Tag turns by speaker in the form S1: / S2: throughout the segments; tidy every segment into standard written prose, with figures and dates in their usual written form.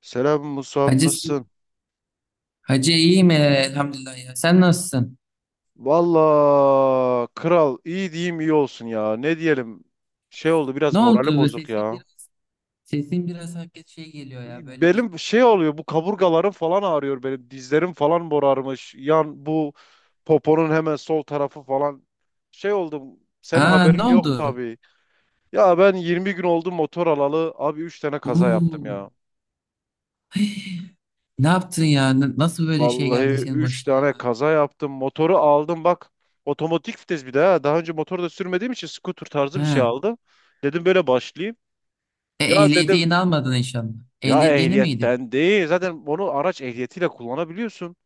S1: Selam Musab
S2: Hacı,
S1: nasılsın?
S2: Hacı iyiyim, elhamdülillah ya. Sen nasılsın?
S1: Valla kral iyi diyeyim iyi olsun ya. Ne diyelim? Şey oldu biraz
S2: Ne
S1: moralim
S2: oldu?
S1: bozuk ya.
S2: Sesin biraz hakikaten şey geliyor ya böyle bir.
S1: Benim şey oluyor bu kaburgalarım falan ağrıyor benim. Dizlerim falan morarmış. Yan bu poponun hemen sol tarafı falan. Şey oldum. Senin
S2: Aa, ne
S1: haberin yok
S2: oldu?
S1: tabii. Ya ben 20 gün oldu motor alalı. Abi 3 tane kaza yaptım
S2: Oo.
S1: ya.
S2: Ne yaptın ya? Nasıl böyle şey
S1: Vallahi
S2: geldi senin
S1: 3
S2: başına,
S1: tane
S2: ya?
S1: kaza yaptım. Motoru aldım bak. Otomatik vites bir de ha. Daha önce motor da sürmediğim için scooter tarzı bir şey
S2: Ha.
S1: aldım. Dedim böyle başlayayım. Ya
S2: Ehliyeti
S1: dedim
S2: yeni almadın inşallah.
S1: ya
S2: Ehliyet yeni miydi?
S1: ehliyetten değil. Zaten onu araç ehliyetiyle kullanabiliyorsun.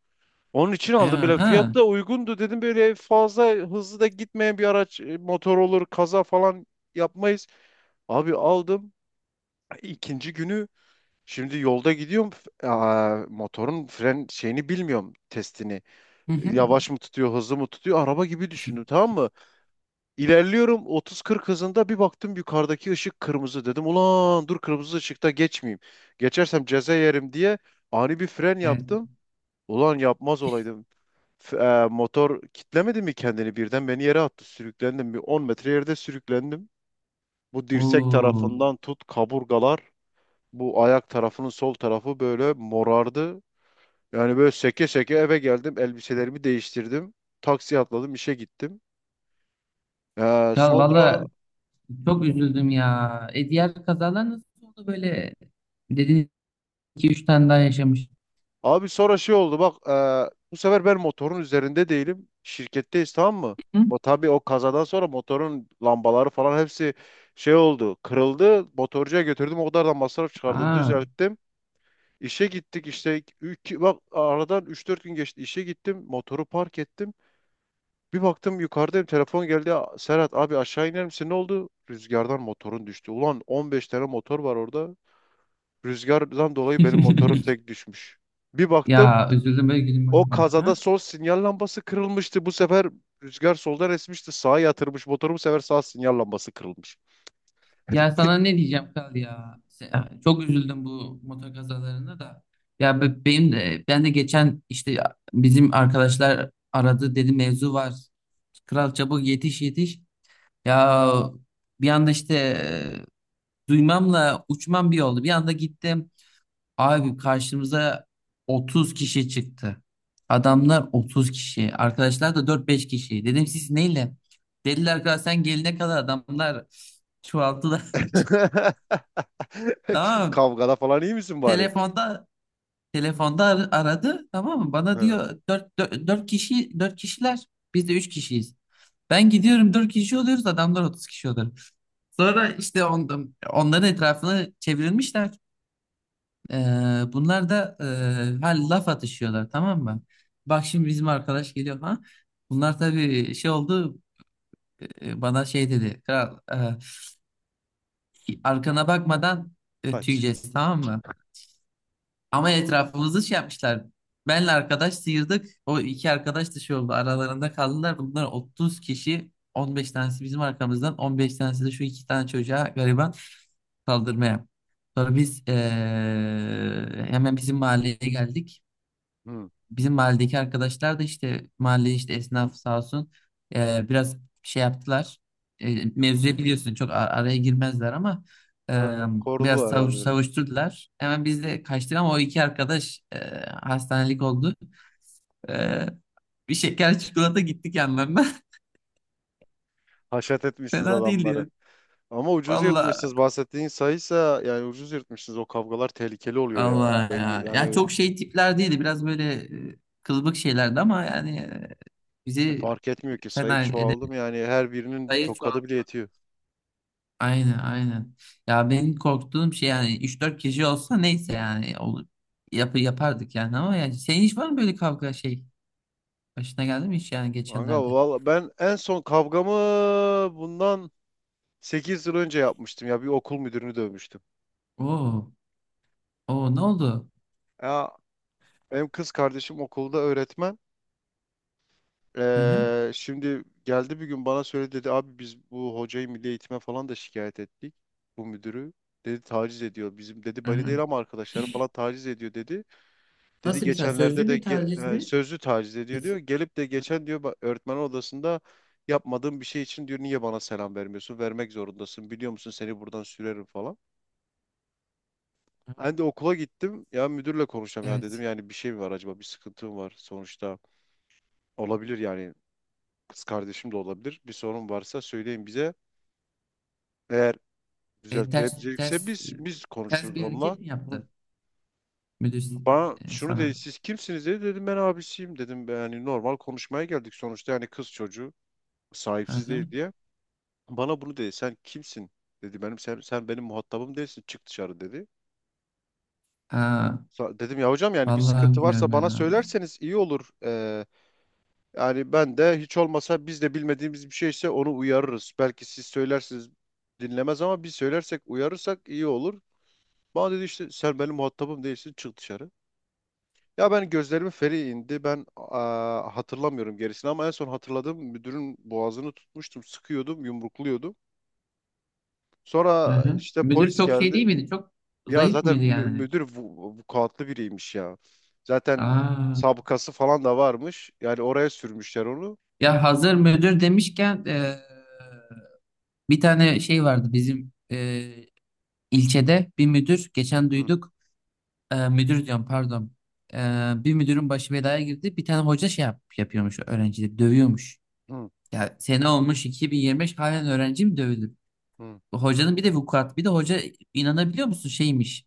S1: Onun için aldım
S2: Aha
S1: böyle
S2: ha.
S1: fiyat da uygundu dedim böyle fazla hızlı da gitmeyen bir araç motor olur kaza falan yapmayız. Abi aldım İkinci günü şimdi yolda gidiyorum motorun fren şeyini bilmiyorum testini.
S2: Hı hı.
S1: Yavaş mı tutuyor, hızlı mı tutuyor? Araba gibi düşündüm tamam mı? İlerliyorum 30-40 hızında bir baktım yukarıdaki ışık kırmızı. Dedim ulan dur kırmızı ışıkta geçmeyeyim. Geçersem ceza yerim diye ani bir fren
S2: Evet.
S1: yaptım. Ulan yapmaz olaydım. Motor kitlemedi mi kendini birden beni yere attı. Sürüklendim bir 10 metre yerde sürüklendim. Bu dirsek
S2: Oo.
S1: tarafından tut kaburgalar. Bu ayak tarafının sol tarafı böyle morardı. Yani böyle seke seke eve geldim. Elbiselerimi değiştirdim. Taksiye atladım işe gittim.
S2: Ya
S1: Sonra
S2: valla, çok üzüldüm ya. Diğer kazalar nasıl oldu böyle? Dedin iki üç tane daha yaşamış.
S1: Abi sonra şey oldu bak bu sefer ben motorun üzerinde değilim. Şirketteyiz tamam mı?
S2: Hı?
S1: Ama tabii o kazadan sonra motorun lambaları falan hepsi şey oldu. Kırıldı. Motorcuya götürdüm. O kadar da masraf çıkardı.
S2: Aa.
S1: Düzelttim. İşe gittik işte bak aradan üç dört gün geçti. İşe gittim. Motoru park ettim. Bir baktım yukarıdayım. Telefon geldi. "Ya, Serhat abi aşağı iner misin? Ne oldu? Rüzgardan motorun düştü. Ulan 15 tane motor var orada. Rüzgardan dolayı benim motorum tek düşmüş. Bir baktım
S2: Ya üzüldüm böyle gülüm,
S1: o
S2: bakma.
S1: kazada
S2: Ha?
S1: sol sinyal lambası kırılmıştı. Bu sefer rüzgar soldan esmişti. Sağa yatırmış motoru bu sefer sağ sinyal lambası kırılmış.
S2: Ya sana ne diyeceğim kal ya. Çok üzüldüm bu motor kazalarına da. Ya, ben de geçen işte bizim arkadaşlar aradı, dedi mevzu var. Kral, çabuk yetiş yetiş. Ya bir anda işte, duymamla uçmam bir oldu. Bir anda gittim. Abi karşımıza 30 kişi çıktı. Adamlar 30 kişi. Arkadaşlar da dört beş kişi. Dedim siz neyle? Dediler ki sen gelene kadar adamlar çoğaldılar. Tamam mı?
S1: Kavgada falan iyi misin bari?
S2: Telefonda telefonda aradı. Tamam mı? Bana
S1: Hı,
S2: diyor dört dört dört kişi, 4 kişiler. Biz de 3 kişiyiz. Ben gidiyorum 4 kişi oluyoruz. Adamlar 30 kişi oluyor. Sonra işte onların etrafını çevrilmişler. Bunlar da laf atışıyorlar, tamam mı? Bak şimdi bizim arkadaş geliyor, ha. Bunlar tabii şey oldu, bana şey dedi. Kral, arkana bakmadan,
S1: kaç.
S2: tüyeceğiz, tamam mı? Ama etrafımızı şey yapmışlar. Benle arkadaş sıyırdık. O iki arkadaş da şey oldu, aralarında kaldılar. Bunlar 30 kişi. 15 tanesi bizim arkamızdan, 15 tanesi de şu iki tane çocuğa, gariban, saldırmaya. Sonra biz, hemen bizim mahalleye geldik.
S1: Hı.
S2: Bizim mahalledeki arkadaşlar da işte, mahalle işte, esnaf sağ olsun, biraz şey yaptılar. Mevzuya biliyorsun çok araya girmezler ama, e,
S1: Ha,
S2: biraz
S1: kordular herhalde böyle.
S2: savuşturdular. Hemen biz de kaçtık ama o iki arkadaş, hastanelik oldu. E, Bir şeker çikolata gittik yanlarına.
S1: Haşat etmişsiniz
S2: Fena değildi
S1: adamları.
S2: ya.
S1: Ama ucuz
S2: Valla.
S1: yırtmışsınız. Bahsettiğin sayıysa yani ucuz yırtmışsınız. O kavgalar tehlikeli oluyor ya.
S2: Allah
S1: Denge,
S2: ya. Ya
S1: yani
S2: çok şey tipler değildi. Biraz böyle, e, kılıbık şeylerdi ama yani,
S1: E,
S2: bizi
S1: fark etmiyor ki sayı
S2: fena edemedi.
S1: çoğaldım yani her birinin bir
S2: Sayı
S1: tokadı bile
S2: çoğaldı.
S1: yetiyor.
S2: Aynen, aynen. Ya benim korktuğum şey, yani üç dört kişi olsa neyse, yani olur. Yap yapardık yani, ama yani senin hiç var mı böyle kavga şey? Başına geldi mi hiç, yani
S1: Kanka
S2: geçenlerde?
S1: valla ben en son kavgamı bundan 8 yıl önce yapmıştım ya bir okul müdürünü dövmüştüm.
S2: Oo. Oo, ne oldu?
S1: Ya benim kız kardeşim okulda öğretmen.
S2: Hı hı.
S1: Şimdi geldi bir gün bana söyledi dedi abi biz bu hocayı milli eğitime falan da şikayet ettik bu müdürü. Dedi taciz ediyor bizim dedi
S2: Hı
S1: bani
S2: hı.
S1: değil ama arkadaşları falan taciz ediyor dedi. Dedi
S2: Nasıl bir taciz?
S1: geçenlerde
S2: Sözlü
S1: de
S2: bir taciz mi?
S1: sözlü taciz ediyor diyor.
S2: Biz-
S1: Gelip de geçen diyor öğretmen odasında yapmadığım bir şey için diyor niye bana selam vermiyorsun? Vermek zorundasın. Biliyor musun seni buradan sürerim falan. Ben de okula gittim. Ya müdürle konuşacağım ya dedim.
S2: Evet.
S1: Yani bir şey mi var acaba? Bir sıkıntı mı var? Sonuçta olabilir yani. Kız kardeşim de olabilir. Bir sorun varsa söyleyin bize. Eğer
S2: Ters
S1: düzeltilebilecekse
S2: ters
S1: biz
S2: ters
S1: konuşuruz
S2: bir
S1: onunla.
S2: hareket mi
S1: Hı.
S2: yaptı müdür,
S1: Bana şunu dedi
S2: sana?
S1: siz kimsiniz dedi dedim ben abisiyim dedim yani normal konuşmaya geldik sonuçta yani kız çocuğu
S2: Hı
S1: sahipsiz değil
S2: hı.
S1: diye. Bana bunu dedi. Sen kimsin? Dedi benim sen benim muhatabım değilsin. Çık dışarı dedi.
S2: Ha,
S1: Dedim ya hocam yani bir
S2: vallahi
S1: sıkıntı
S2: bilmiyorum
S1: varsa bana
S2: ya.
S1: söylerseniz iyi olur. Yani ben de hiç olmasa biz de bilmediğimiz bir şeyse onu uyarırız. Belki siz söylersiniz dinlemez ama biz söylersek uyarırsak iyi olur. Bana dedi işte sen benim muhatabım değilsin çık dışarı. Ya ben gözlerimin feri indi. Ben hatırlamıyorum gerisini ama en son hatırladığım müdürün boğazını tutmuştum. Sıkıyordum, yumrukluyordum.
S2: Hı
S1: Sonra
S2: hı.
S1: işte
S2: Müdür
S1: polis
S2: çok şey
S1: geldi.
S2: değil miydi? Çok
S1: Ya
S2: zayıf
S1: zaten
S2: mıydı
S1: mü-
S2: yani?
S1: müdür vukuatlı biriymiş ya. Zaten
S2: Aa.
S1: sabıkası falan da varmış. Yani oraya sürmüşler onu.
S2: Ya hazır müdür demişken, bir tane şey vardı bizim, ilçede bir müdür geçen
S1: Hı
S2: duyduk. Müdür diyorum, pardon. Bir müdürün başı belaya girdi, bir tane hoca şey yapıyormuş, öğrencileri dövüyormuş.
S1: hı
S2: Ya sene olmuş 2025, halen öğrenci mi dövülür?
S1: hı.
S2: Hocanın bir de vukuat, bir de hoca inanabiliyor musun şeymiş,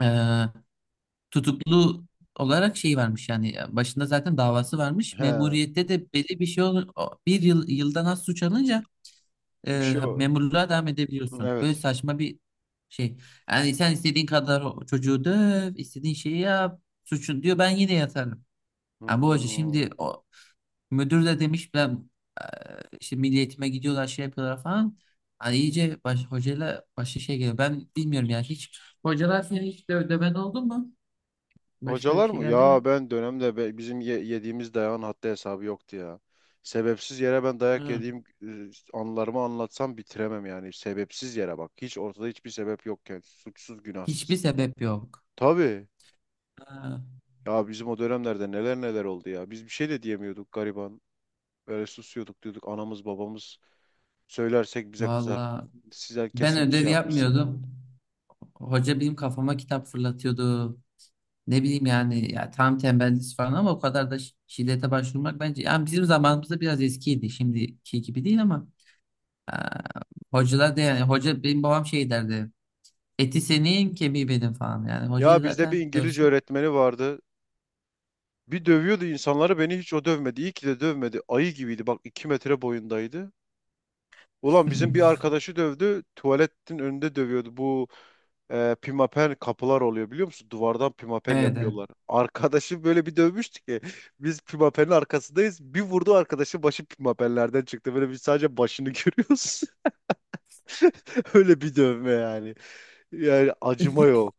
S2: eee, tutuklu olarak şey varmış, yani başında zaten davası varmış.
S1: He,
S2: Memuriyette de belli bir şey olur, bir yıl, yıldan az suç alınca,
S1: bir şey o.
S2: memurluğa devam edebiliyorsun. Böyle
S1: Evet.
S2: saçma bir şey. Yani sen istediğin kadar o çocuğu döv, istediğin şeyi yap, suçun diyor ben yine yatarım. Yani bu hoca
S1: Hmm.
S2: şimdi o müdür de demiş, ben, e, işte milliyetime gidiyorlar şey yapıyorlar falan. Hani iyice baş, hocayla başka şey geliyor. Ben bilmiyorum yani hiç. Hocalar seni hiç de ödemen oldu mu? Başına bir
S1: Hocalar
S2: şey
S1: mı?
S2: geldi
S1: Ya
S2: mi?
S1: ben dönemde bizim yediğimiz dayağın haddi hesabı yoktu ya. Sebepsiz yere ben dayak
S2: Hı.
S1: yediğim anılarımı anlatsam bitiremem yani. Sebepsiz yere bak. Hiç ortada hiçbir sebep yokken. Suçsuz,
S2: Hiçbir
S1: günahsız.
S2: sebep yok.
S1: Tabii.
S2: Ha.
S1: Ya bizim o dönemlerde neler neler oldu ya. Biz bir şey de diyemiyorduk gariban. Böyle susuyorduk diyorduk anamız babamız söylersek bize kızar.
S2: Valla
S1: Size
S2: ben
S1: kesin bir
S2: ödev
S1: şey yapmışsındır dedi.
S2: yapmıyordum. Hoca benim kafama kitap fırlatıyordu. Ne bileyim yani, ya tam tembellik falan, ama o kadar da şiddete başvurmak bence yani bizim zamanımızda biraz eskiydi, şimdiki gibi değil ama, e, hocalar da yani hoca, benim babam şey derdi, eti senin kemiği benim falan, yani hoca
S1: Ya bizde bir
S2: zaten
S1: İngilizce
S2: dövse.
S1: öğretmeni vardı. Bir dövüyordu insanları beni hiç o dövmedi. İyi ki de dövmedi. Ayı gibiydi bak 2 metre boyundaydı. Ulan bizim bir arkadaşı dövdü. Tuvaletin önünde dövüyordu. Bu pimapen kapılar oluyor biliyor musun? Duvardan pimapen
S2: Evet, evet.
S1: yapıyorlar. Arkadaşı böyle bir dövmüştü ki biz pimapenin arkasındayız. Bir vurdu arkadaşın başı pimapenlerden çıktı. Böyle biz sadece başını görüyoruz. Öyle bir dövme yani. Yani acıma yok.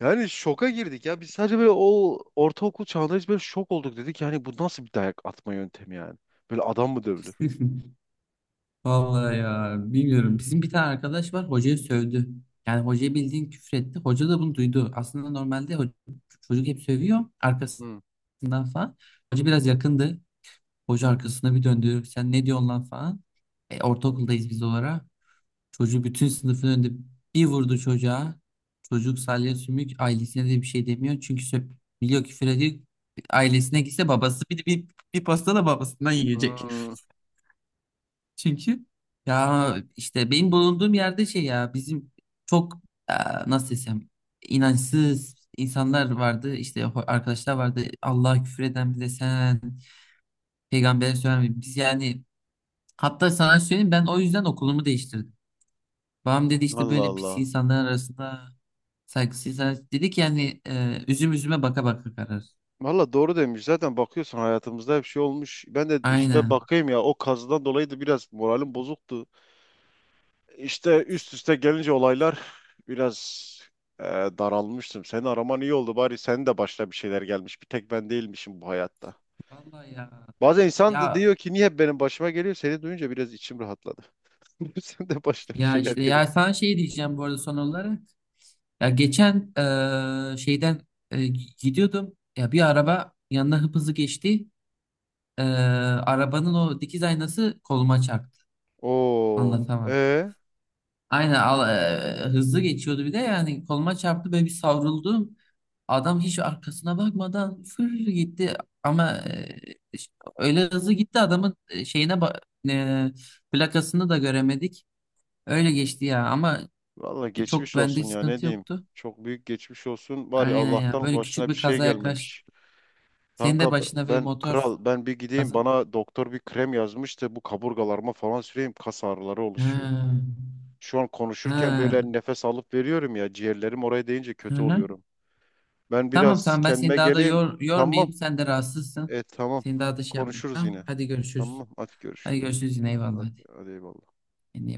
S1: Yani şoka girdik ya. Biz sadece böyle o ortaokul çağında biz böyle şok olduk dedik. Yani bu nasıl bir dayak atma yöntemi yani? Böyle adam mı dövülür?
S2: Vallahi ya, bilmiyorum. Bizim bir tane arkadaş var, hocayı sövdü. Yani hocayı bildiğin küfür etti. Hoca da bunu duydu. Aslında normalde çocuk hep sövüyor
S1: Hmm.
S2: arkasından falan. Hoca biraz yakındı. Hoca arkasına bir döndü. Sen ne diyorsun lan falan. Ortaokuldayız biz olarak. Çocuğu bütün sınıfın önünde bir vurdu çocuğa. Çocuk salya sümük, ailesine de bir şey demiyor. Çünkü söp biliyor, küfür ediyor. Ailesine gitse babası bir pasta da babasından yiyecek.
S1: Hmm.
S2: Çünkü ya işte benim bulunduğum yerde şey, ya bizim çok, e, nasıl desem, inançsız insanlar vardı. İşte arkadaşlar vardı. Allah'a küfür eden, bize sen peygambere söylemeyin. Biz yani, hatta sana söyleyeyim, ben o yüzden okulumu değiştirdim. Babam dedi işte
S1: Allah
S2: böyle pis
S1: Allah.
S2: insanlar arasında saygısız insan- dedi ki yani, üzüm üzüme baka baka karar.
S1: Valla doğru demiş. Zaten bakıyorsun hayatımızda hep şey olmuş. Ben de işte
S2: Aynen.
S1: bakayım ya o kazıdan dolayı da biraz moralim bozuktu. İşte üst üste gelince olaylar biraz daralmıştım. Seni araman iyi oldu bari. Senin de başına bir şeyler gelmiş. Bir tek ben değilmişim bu hayatta.
S2: Vallahi ya.
S1: Bazen insan
S2: Ya
S1: da diyor ki niye hep benim başıma geliyor? Seni duyunca biraz içim rahatladı. Sen de başına bir
S2: ya
S1: şeyler
S2: işte,
S1: gelip.
S2: ya sana şey diyeceğim bu arada son olarak. Ya geçen, şeyden, e, gidiyordum. Ya bir araba yanına hıp hızlı geçti. Arabanın o dikiz aynası koluma çarptı.
S1: Oo,
S2: Anlatamam.
S1: e
S2: Aynen, hızlı geçiyordu bir de, yani koluma çarptı ve bir savruldum. Adam hiç arkasına bakmadan fır gitti, ama, e, ş- öyle hızlı gitti adamın, şeyine e, plakasını da göremedik. Öyle geçti ya, ama
S1: Valla
S2: çok
S1: geçmiş
S2: bende
S1: olsun ya ne
S2: sıkıntı
S1: diyeyim.
S2: yoktu.
S1: Çok büyük geçmiş olsun. Bari
S2: Aynen ya,
S1: Allah'tan
S2: böyle küçük
S1: başına bir
S2: bir
S1: şey
S2: kaza yaklaştı.
S1: gelmemiş.
S2: Senin de
S1: Kanka
S2: başına bir
S1: ben
S2: motor
S1: kral ben bir gideyim
S2: kaza.
S1: bana doktor bir krem yazmıştı bu kaburgalarıma falan süreyim kas ağrıları oluşuyor.
S2: Ha.
S1: Şu an konuşurken
S2: Ha.
S1: böyle nefes alıp veriyorum ya ciğerlerim oraya değince
S2: Hı
S1: kötü
S2: hı.
S1: oluyorum. Ben
S2: Tamam,
S1: biraz
S2: tamam, ben seni
S1: kendime
S2: daha da
S1: geleyim. Tamam.
S2: yormayayım. Sen de rahatsızsın.
S1: E tamam.
S2: Seni daha da şey yapmayayım.
S1: Konuşuruz
S2: Tamam,
S1: yine.
S2: hadi görüşürüz.
S1: Tamam. At
S2: Hadi
S1: görüşürüz.
S2: görüşürüz yine,
S1: Hadi,
S2: eyvallah,
S1: hadi,
S2: hadi.
S1: hadi eyvallah.
S2: Kendine iyi bak.